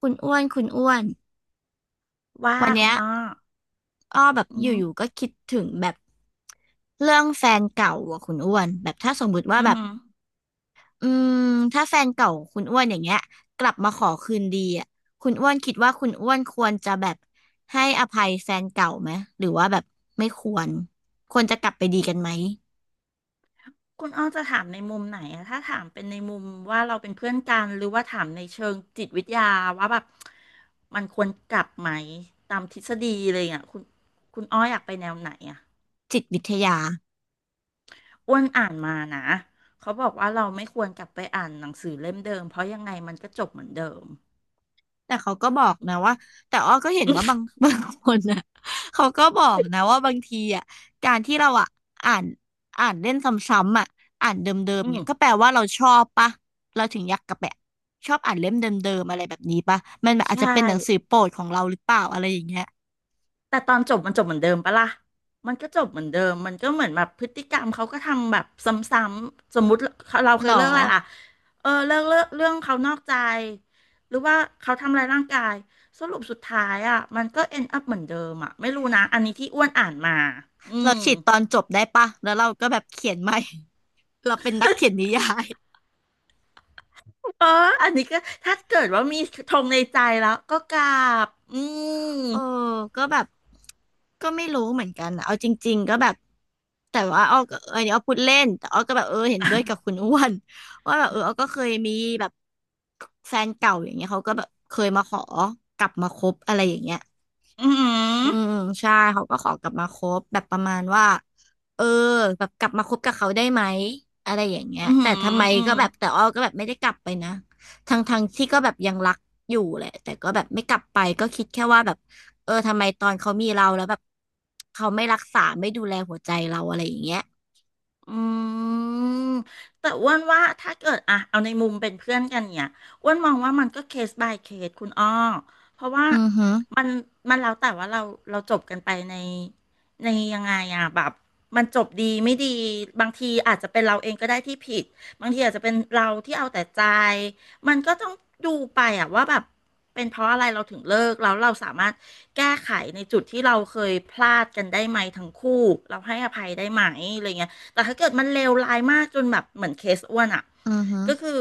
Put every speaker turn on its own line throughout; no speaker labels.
คุณอ้วน คุณอ้วน
ว่า
วัน
คุ
เนี้
ณ
ย
อ้อ
อ้อแบบ
อื
อ
ม
ยู่ๆก็คิดถึงแบบเรื่องแฟนเก่าอ่ะคุณอ้วนแบบถ้าสมมุติว่า
อือ
แบบ
หือ
อืมถ้าแฟนเก่าคุณอ้วนอย่างเงี้ยกลับมาขอคืนดีอ่ะคุณอ้วนคิดว่าคุณอ้วนควรจะแบบให้อภัยแฟนเก่าไหมหรือว่าแบบไม่ควรควรจะกลับไปดีกันไหม
คุณอ้อจะถามในมุมไหนอะ ถ้าถามเป็นในมุมว่าเราเป็นเพื่อนกันหรือว่าถามในเชิงจิตวิทยาว่าแบบมันควรกลับไหมตามทฤษฎีเลยอ่ะคุณคุณอ้ออยากไปแนวไหนอ่ะ
จิตวิทยา
อ้วนอ่านมานะเขาบอกว่าเราไม่ควรกลับไปอ่านหนังสือเล่มเดิมเพราะยังไงมันก็จบเหมือนเดิม
แต่เขาก็บอกนะว่าแต่อ้อก็เห็นว่าบาง บางคนน่ะเขาก็บอกนะว่าบางทีอ่ะการที่เราอ่ะอ่านอ่านเล่นซ้ำๆอ่ะอ่านเดิม
อื
ๆ
ม
เนี่ยก็แปลว่าเราชอบปะเราถึงอยากกลับไปชอบอ่านเล่มเดิมๆอะไรแบบนี้ปะมันแบบอาจ
ใช่
จะเป็นหนังสือโปรดของเราหรือเปล่าอะไรอย่างเงี้ย
แต่ตอนจบมันจบเหมือนเดิมปะล่ะมันก็จบเหมือนเดิมมันก็เหมือนแบบพฤติกรรมเขาก็ทำแบบซ้ำๆสมมุติเราเค
หร
ย
อ
เลิกอะไรล่ะเออเลิกเลิกเรื่องเขานอกใจหรือว่าเขาทำอะไรายร่างกายสรุปสุดท้ายอ่ะมันก็ end up เหมือนเดิมอ่ะไม่รู้นะอันนี้ที่อ้วนอ่านมาอื
เรา
ม
ฉีดตอนจบได้ปะแล้วเราก็แบบเขียนใหม่ เราเป็นนักเขียนนิยาย
เอออันนี้ก็ถ้าเกิดว่ามีธงในใจแล้วก็กราบอืม
เออก็แบบก็ไม่รู้เหมือนกันอะเอาจริงๆก็แบบ แต่ว่าอ้อก็เอออันนี้อ้อพูดเล่น แต่อ้อก็แบบเออเห็นด้วยกับคุณอ้วน ว่าแบบเอออ้อก็เคยมีแบบแฟนเก่าอย่างเงี้ยเขาก็แบบเคยมาขอกลับมาคบอะไรอย่างเงี้ย
อื
อื
ม
มใช่เขาก็ขอกลับมาคบแบบประมาณว่าเออแบบกลับมาคบกับเขาได้ไหมอะไรอย่างเงี้
อ
ย
หื
แต่
ม
ทำ
อ
ไม
อืมอหืออื
ก็
ม
แบบแต่อ้อก็แบบไม่ได้กลับไปนะทั้งที่ก็แบบยังรักอยู่แหละแต่ก็แบบไม่กลับไปก็คิดแค่ว่าแบบเออทำไมตอนเขามีเราแล้วแบบเขาไม่รักษาไม่ดูแลหัวใจเราอะไรอย่างเงี้ย
อืมแต่อ้วนว่าถ้าเกิดอะเอาในมุมเป็นเพื่อนกันเนี่ยอ้วนมองว่ามันก็เคส by เคสคุณอ้อเพราะว่า
อือฮึ
มันมันแล้วแต่ว่าเราจบกันไปในยังไงอะแบบมันจบดีไม่ดีบางทีอาจจะเป็นเราเองก็ได้ที่ผิดบางทีอาจจะเป็นเราที่เอาแต่ใจมันก็ต้องดูไปอะว่าแบบเป็นเพราะอะไรเราถึงเลิกแล้วเราสามารถแก้ไขในจุดที่เราเคยพลาดกันได้ไหมทั้งคู่เราให้อภัยได้ไหมอะไรเงี้ย แต่ถ้าเกิดมันเลวร้ายมากจนแบบเหมือนเคสอ้วนอ่ะ
อือฮึ
ก็คือ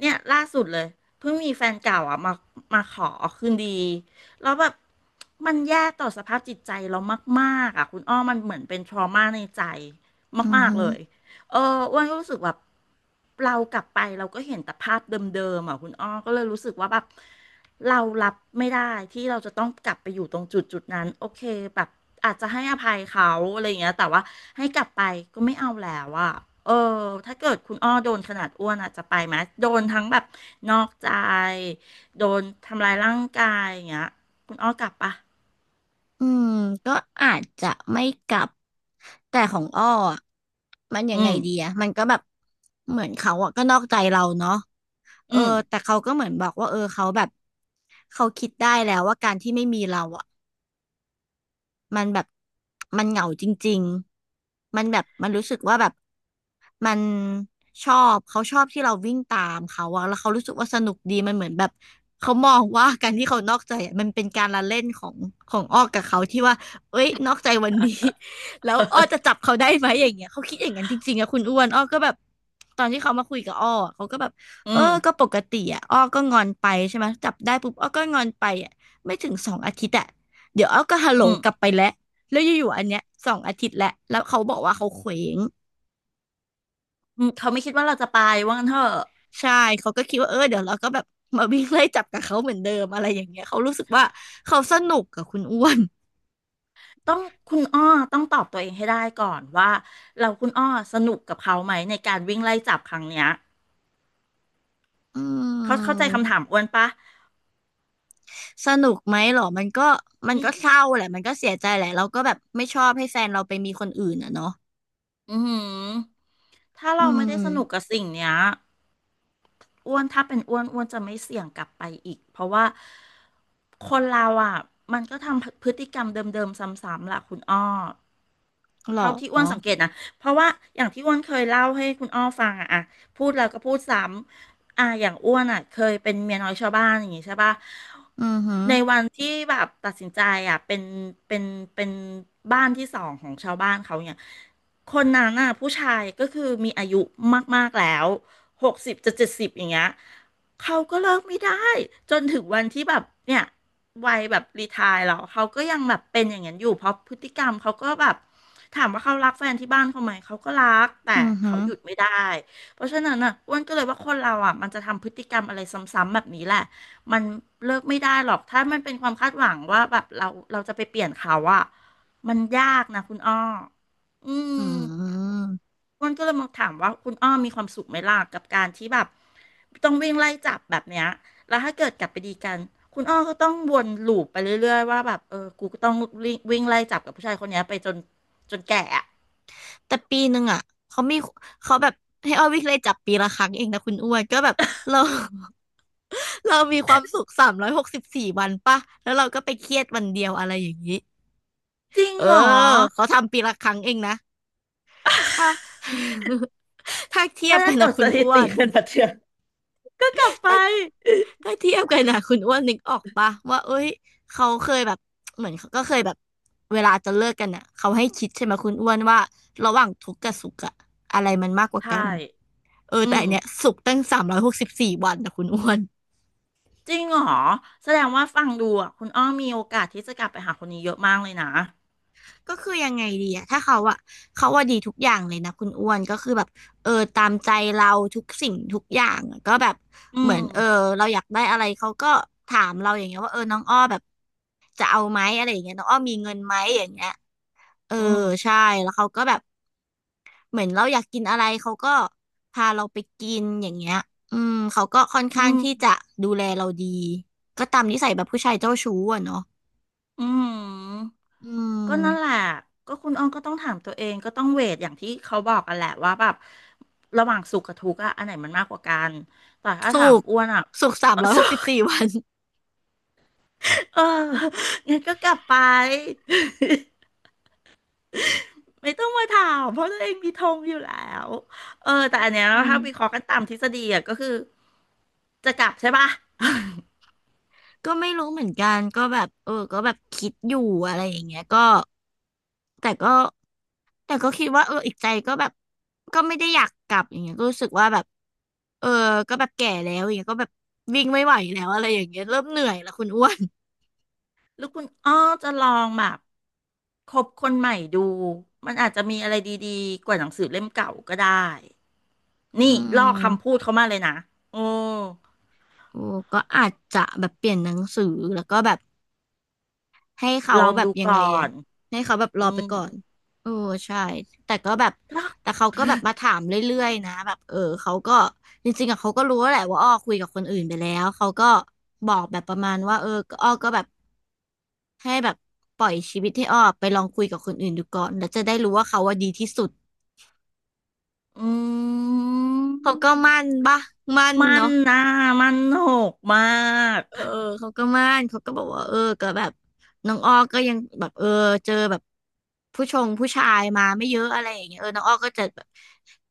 เนี่ยล่าสุดเลยเพิ่งมีแฟนเก่าอ่ะมาขอคืนดีแล้วแบบมันแย่ต่อสภาพจิตใจเรามากๆอ่ะคุณอ้อมันเหมือนเป็นทรมาในใจ
อือ
มาก
ฮึ
ๆเลยเอออ้วนก็รู้สึกแบบเรากลับไปเราก็เห็นแต่ภาพเดิมๆอ่ะคุณอ้อก็เลยรู้สึกว่าแบบ เรารับไม่ได้ที่เราจะต้องกลับไปอยู่ตรงจุดนั้นโอเคแบบอาจจะให้อภัยเขาอะไรอย่างเงี้ยแต่ว่าให้กลับไปก็ไม่เอาแล้วอะเออถ้าเกิดคุณอ้อโดนขนาดอ้วนอาจจะไปไหมโดนทั้งแบบนอกใจโดนทำลายร่างกายอย่างเงี้ยคุณอ้อกลับปะ
อืมก็อาจจะไม่กลับแต่ของอ้ออะมันยั
อื
งไง
ม
ดีอะมันก็แบบเหมือนเขาอะก็นอกใจเราเนาะเออ
อืม
แต่เขาก็เหมือนบอกว่าเออเขาแบบเขาคิดได้แล้วว่าการที่ไม่มีเราอะ มันแบบมันเหงาจริงๆมันแบบมันรู้สึกว่าแบบมันชอบเขาชอบที่เราวิ่งตามเขาอะแล้วเขารู้สึกว่าสนุกดีมันเหมือนแบบเขามองว่าการที่เขานอกใจอะมันเป็นการละเล่นของของอ้อกับเขาที่ว่าเอ้ยนอกใจวันนี้ แล้วอ้อจะจับเขาได้ไหมอย่างเงี้ยเขาคิดอย่างนั้นจริงๆอะคุณอ้วนอ้อก็แบบตอนที่เขามาคุยกับอ้ออะเขาก็แบบ
อื
เออ
ม
ก็ปกติอะอ้อก็งอนไปใช่ไหมจับได้ปุ๊บอ้อก็งอนไปอะไม่ถึง 2 อาทิตย์อะ เดี๋ยวเอาก็ฮัลโหล
อืม
กลับไปแล้วแล้วอยู่ๆอันเนี้ย2 อาทิตย์แล้วแล้วเขาบอกว่าเขาเคว้ง
อืมเขาไม่คิดว่าเราจะไปว่างั้นเถอะ
ใช่เขาก็คิดว่าเออเดี๋ยวเราก็แบบมาวิ่งไล่จับกับเขาเหมือนเดิมอะไรอย่างเงี้ยเขารู้สึกว่าเขาสนุกกับคุณอ้วน
ต้องคุณอ้อต้องตอบตัวเองให้ได้ก่อนว่าเราคุณอ้อสนุกกับเขาไหมในการวิ่งไล่จับครั้งเนี้ย
อื
เขาเข้าใจคำ
ม
ถามอ้วนปะ
สนุกไหมหรอมันก็
อื
เศ
ม
ร้าแหละมันก็เสียใจแหละเราก็แบบไม่ชอบให้แฟนเราไปมีคนอื่นอ่ะเนาะ
อือหือถ้า
อื
เราไม่
ม
ได้สนุกกับสิ่งเนี้ยอ้วนถ้าเป็นอ้วนอ้วนจะไม่เสี่ยงกลับไปอีกเพราะว่าคนเราอ่ะมันก็ทำพฤติกรรมเดิมๆซ้ำๆแหละคุณอ้อ
หร
เท่าที่อ้
อ
วนสังเกตนะเพราะว่าอย่างที่อ้วนเคยเล่าให้คุณอ้อฟังอะพูดแล้วก็พูดซ้ำ อ่ะอย่างอ้วนอะเคยเป็นเมียน้อยชาวบ้านอย่างงี้ใช่ปะ
อือหือ
ในวันที่แบบตัดสินใจอะเป็นเป็นบ้านที่สองของชาวบ้านเขาเนี่ยคนนั้นน่ะผู้ชายก็คือมีอายุมากๆแล้ว60จะ70อย่างเงี้ยเขาก็เลิกไม่ได้จนถึงวันที่แบบเนี่ยวัยแบบรีไทร์แล้วเขาก็ยังแบบเป็นอย่างนั้นอยู่เพราะพฤติกรรมเขาก็แบบ ถามว่าเขารักแฟนที่บ้านเขาไหมเขาก็รักแต่
อือหื
เขา
อ
หยุดไม่ได้เพราะฉะนั้นน่ะอ้วนก็เลยว่าคนเราอ่ะมันจะทำพฤติกรรมอะไรซ้ำๆแบบนี้แหละมันเลิกไม่ได้หรอกถ้ามันเป็นความคาดหวังว่าแบบเราจะไปเปลี่ยนเขาอ่ะมันยากนะคุณอ้ออืม
อืม
อ้วนก็เลยมาถามว่าคุณอ้อมีความสุขไหมล่ะกับการที่แบบต้องวิ่งไล่จับแบบเนี้ย แล้วถ้าเกิดกลับไปดีกันคุณอ้อก็ต้องวนลูปไปเรื่อยๆว่าแบบ เออ กูก็ต้องวิ่งวิ่งไล่จับกับผู้ชายคนเนี้ยไปจนแก่อะ
แต่ปีหนึ่งอ่ะเขามีเขาแบบให้ออวิกเลยจับปีละครั้งเองนะคุณอ้วนก็แบบเรา เรามีความสุข364 วันป่ะแล้วเราก็ไปเครียดวันเดียวอะไรอย่างนี้
จริง
เออ
เหรอ
เขาทำปีละครั้งเองนะถ้า ถ้าเทียบ
ถ้า
กั
จะ
น
ตร
นะ
วจ
คุ
ส
ณ
ถิ
อ้ว
ติ
น
กันแบบเชืยอก็กลับไป
ถ้าถ้าเทียบกันนะคุณอ้วนนึกออกปะว่าเอ้ยเขาเคยแบบเหมือนเขาก็เคยแบบเวลาจะเลิกกันอ่ะเขาให้คิดใช่ไหมคุณอ้วนว่าระหว่างทุกข์กับสุขอะอะไรมันมากกว่า
ใช่
กัน เออ
อื
แต่
ม
อันเนี้ยสุกตั้ง364 วันนะคุณอ้วน
จริงเหรอแสดงว่าฟังดูอ่ะคุณอ้อมีโอกาสที่จะกลับไปหาคนนี้เยอะมากเลยนะ
ก็คือยังไงดีอะถ้าเขาอะเขาว่าดีทุกอย่างเลยนะคุณอ้วนก็คือแบบเออตามใจเราทุกสิ่งทุกอย่างอะก็แบบ
อื
เหมือ
ม
นเออเราอยากได้อะไรเขาก็ถามเราอย่างเงี้ยว่าเออน้องอ้อแบบจะเอาไหมอะไรอย่างเงี้ยน้องอ้อมีเงินไหมอย่างเงี้ยเออ
อืม
ใช่แล้วเขาก็แบบเหมือนเราอยากกินอะไรเขาก็พาเราไปกินอย่างเงี้ยอืมเขาก็ค่อนข้า
อื
ง
ม
ที่จะดูแลเราดีก็ตามนิสัยแบบผู้ชายเจ้าชู้อะเนาะ
อืม
อื
ก็นั่นแหละ
ม
ก็คุณอ้อมก็ต้องถามตัวเองก็ต้องเวทอย่างที่เขาบอกกันแหละว่าแบบระหว่างสุขกับทุกข์อะอันไหนมันมากกว่ากัน แต่ถ้า
สุ
ถาม
ก
อ้วนอะ
สุก สาม
เออ
ร้อยห
สุ
กสิ
ข
บสี่ วัน
เอองั้นก็กลับไป ไม่ต้องมาถามเพราะตัวเองมีธงอยู่แล้วเออแต่อันเนี้ย
อื
ถ้าวิเคราะ
ม
ห์กันตามทฤษฎีอะก็คือจะกลับใช่ปะ
ก็ไม่รู้เหมือนกันก็แบบเออก็แบบคิดอยู่อะไรอย่างเงี้ยก็แต่ก็คิดว่าเอออีกใจก็แบบก็ไม่ได้อยากกลับอย่างเงี้ยก็รู้สึกว่าแบบเออก็แบบแก่แล้วอย่างเงี้ยก็แบบวิ่งไม่ไหวแล้วอะไรอย่างเงี้ยเริ่มเหนื่อยแล้วคุณอ้วน
แล้วคุณอ้อจะลองแบบคบคนใหม่ดูมันอาจจะมีอะไรดีๆกว่าหนังสือเล่มเก่าก็ได้
อื
นี่ลอ
ม
กคำพูดเขามาเลยนะอืม
โอ้ก็อาจจะแบบเปลี่ยนหนังสือแล้วก็แบบ ให้เขา
ลอง
แบบ
ดู
ยัง
ก่
ไง
อ
อะ
น
ให้เขาแบบร
อื
อไป
ม
ก่อนเออใช่แต่ก็แบบแต่เขาก็แบบมาถามเรื่อยๆนะแบบเออเขาก็จริงๆอะเขาก็รู้แหละว่าอ้อคุยกับคนอื่นไปแล้ว เขาก็บอกแบบประมาณว่าเออก็อ้อก็แบบให้แบบปล่อยชีวิตให้อ้อไปลองคุยกับคนอื่นดูก่อน แล้วจะได้รู้ว่าเขาว่าดีที่สุด
อื
เขาก็
ม
มั่นปะมั่น
มัน
เนาะ
นะมันโหกมาก
เออเขาก็มั่นเขาก็บอกว่าเออก็แบบน้องอ้อก็ยังแบบเออเจอแบบผู้ชายมาไม่เยอะอะไรอย่างเงี้ยเออน้องอ้อก็จะแบบ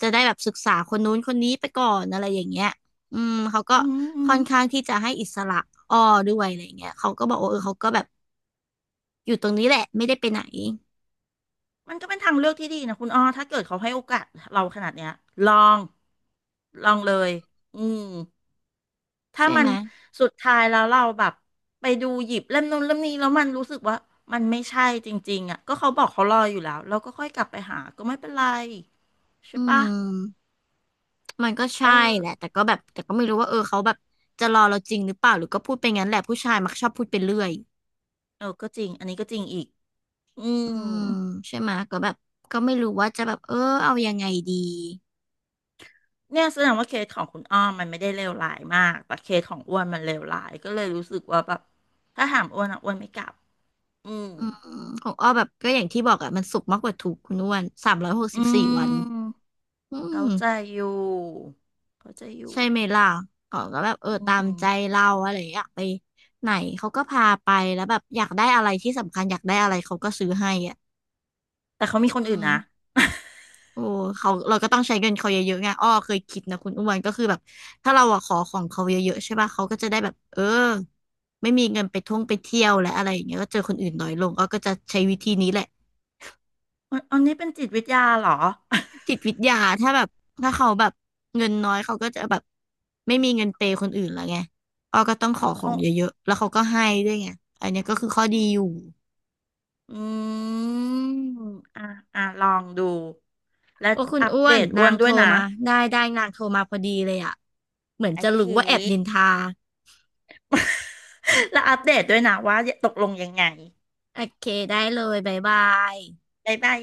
จะได้แบบศึกษาคนนู้นคนนี้ไปก่อนอะไรอย่างเงี้ยอืมเขาก็
อืมอื
ค่
ม
อนข้างที่จะให้อิสระอ้อด้วยอะไรอย่างเงี้ยเขาก็บอกว่าเออเขาก็แบบอยู่ตรงนี้แหละไม่ได้ไปไหน
มันก็เป็นทางเลือกที่ดีนะคุณอ้อถ้าเกิดเขาให้โอกาสเราขนาดเนี้ยลอง ลองเลยอืมถ้า
ใช่
มั
ไหม
นสุดท้ายแล้วเราแบบไปดูหยิบเล่มนู้นเล่มนี้แล้วมันรู้สึกว่ามันไม่ใช่จริงๆอ่ะก็เขาบอกเขารออยู่แล้วเราก็ค่อยกลับไปหาก็ไม่เป็นไรใช่
อื
ปะ
มมันก็
เอ
ใช่
อ
แหละแต่ก็แบบแต่ก็ไม่รู้ว่าเออเขาแบบจะรอเราจริงหรือเปล่าหรือก็พูดไปงั้นแหละผู้ชายมักชอบพูดไปเรื่อย
เออก็จริงอันนี้ก็จริงอีกอื
อื
ม
มใช่ไหมะก็แบบก็ไม่รู้ว่าจะแบบเออเอายังไงดี
เนี่ยแสดงว่าเคสของคุณอ้อมมันไม่ได้เลวร้ายมาก แต่เคสของอ้วนมันเลวร้ายก็เลยรู้สึกว่าแบบถ้าถามอ้วนอ่ะอ้วนไม่กลับอืม
อืมของอ้อแบบก็อย่างที่บอกอะมันสุกมากกว่าทุกข์คุณอ้วนสามร้อยหก
อื
สิบสี่วัน
ม
อืม
เขาใจอยู่เขาใจอยู่
ใช่ไหมล่ะเขาก็แบบเออ
อื
ตามใจ
ม
เราอะไรอย่างเงี้ยอยากไปไหนเขาก็พาไปแล้วแบบอยากได้อะไรที่สำคัญอยากได้อะไรเขาก็ซื้อให้อ่ะ
แต่เขามีคน
อื
อื่น
ม
นะ
โอ้เขาเราก็ต้องใช้เงินเขาเยอะๆไงอ้อเคยคิดนะคุณอ้วนก็คือแบบถ้าเราอะขอของเขาเยอะๆใช่ป่ะเขาก็จะได้แบบเออไม่มีเงินไปท่องไปเที่ยวและอะไรอย่างเงี้ยก็เจอคนอื่นน้อยลงอ้อก็จะใช้วิธีนี้แหละ
อันนี้เป็นจิตวิทยาเหรอ
จิตวิทยาถ้าแบบถ้าเขาแบบเงินน้อยเขาก็จะแบบไม่มีเงินเปย์คนอื่นละไงอ้อก็ต้องขอขอ
อ๋
ง
อ
เยอะๆแล้วเขาก็ให้ด้วยไงอันเนี้ยก็คือข้อดีอยู่
อืมอ่ะอ่ะลองดูและ
โอ้คุณ
อัป
อ้ว
เด
น
ต
นา
อ้วน
งโท
ด้ว
ร
ยนะ
มาได้ได้นางโทรมาพอดีเลยอะเหมือน
โอ
จะ
เค
รู้ว่าแอบนินทา
แล้วอัปเดตด้วยนะว่าตกลงยังไง
โอเคได้เลยบ๊ายบาย
บ๊ายบาย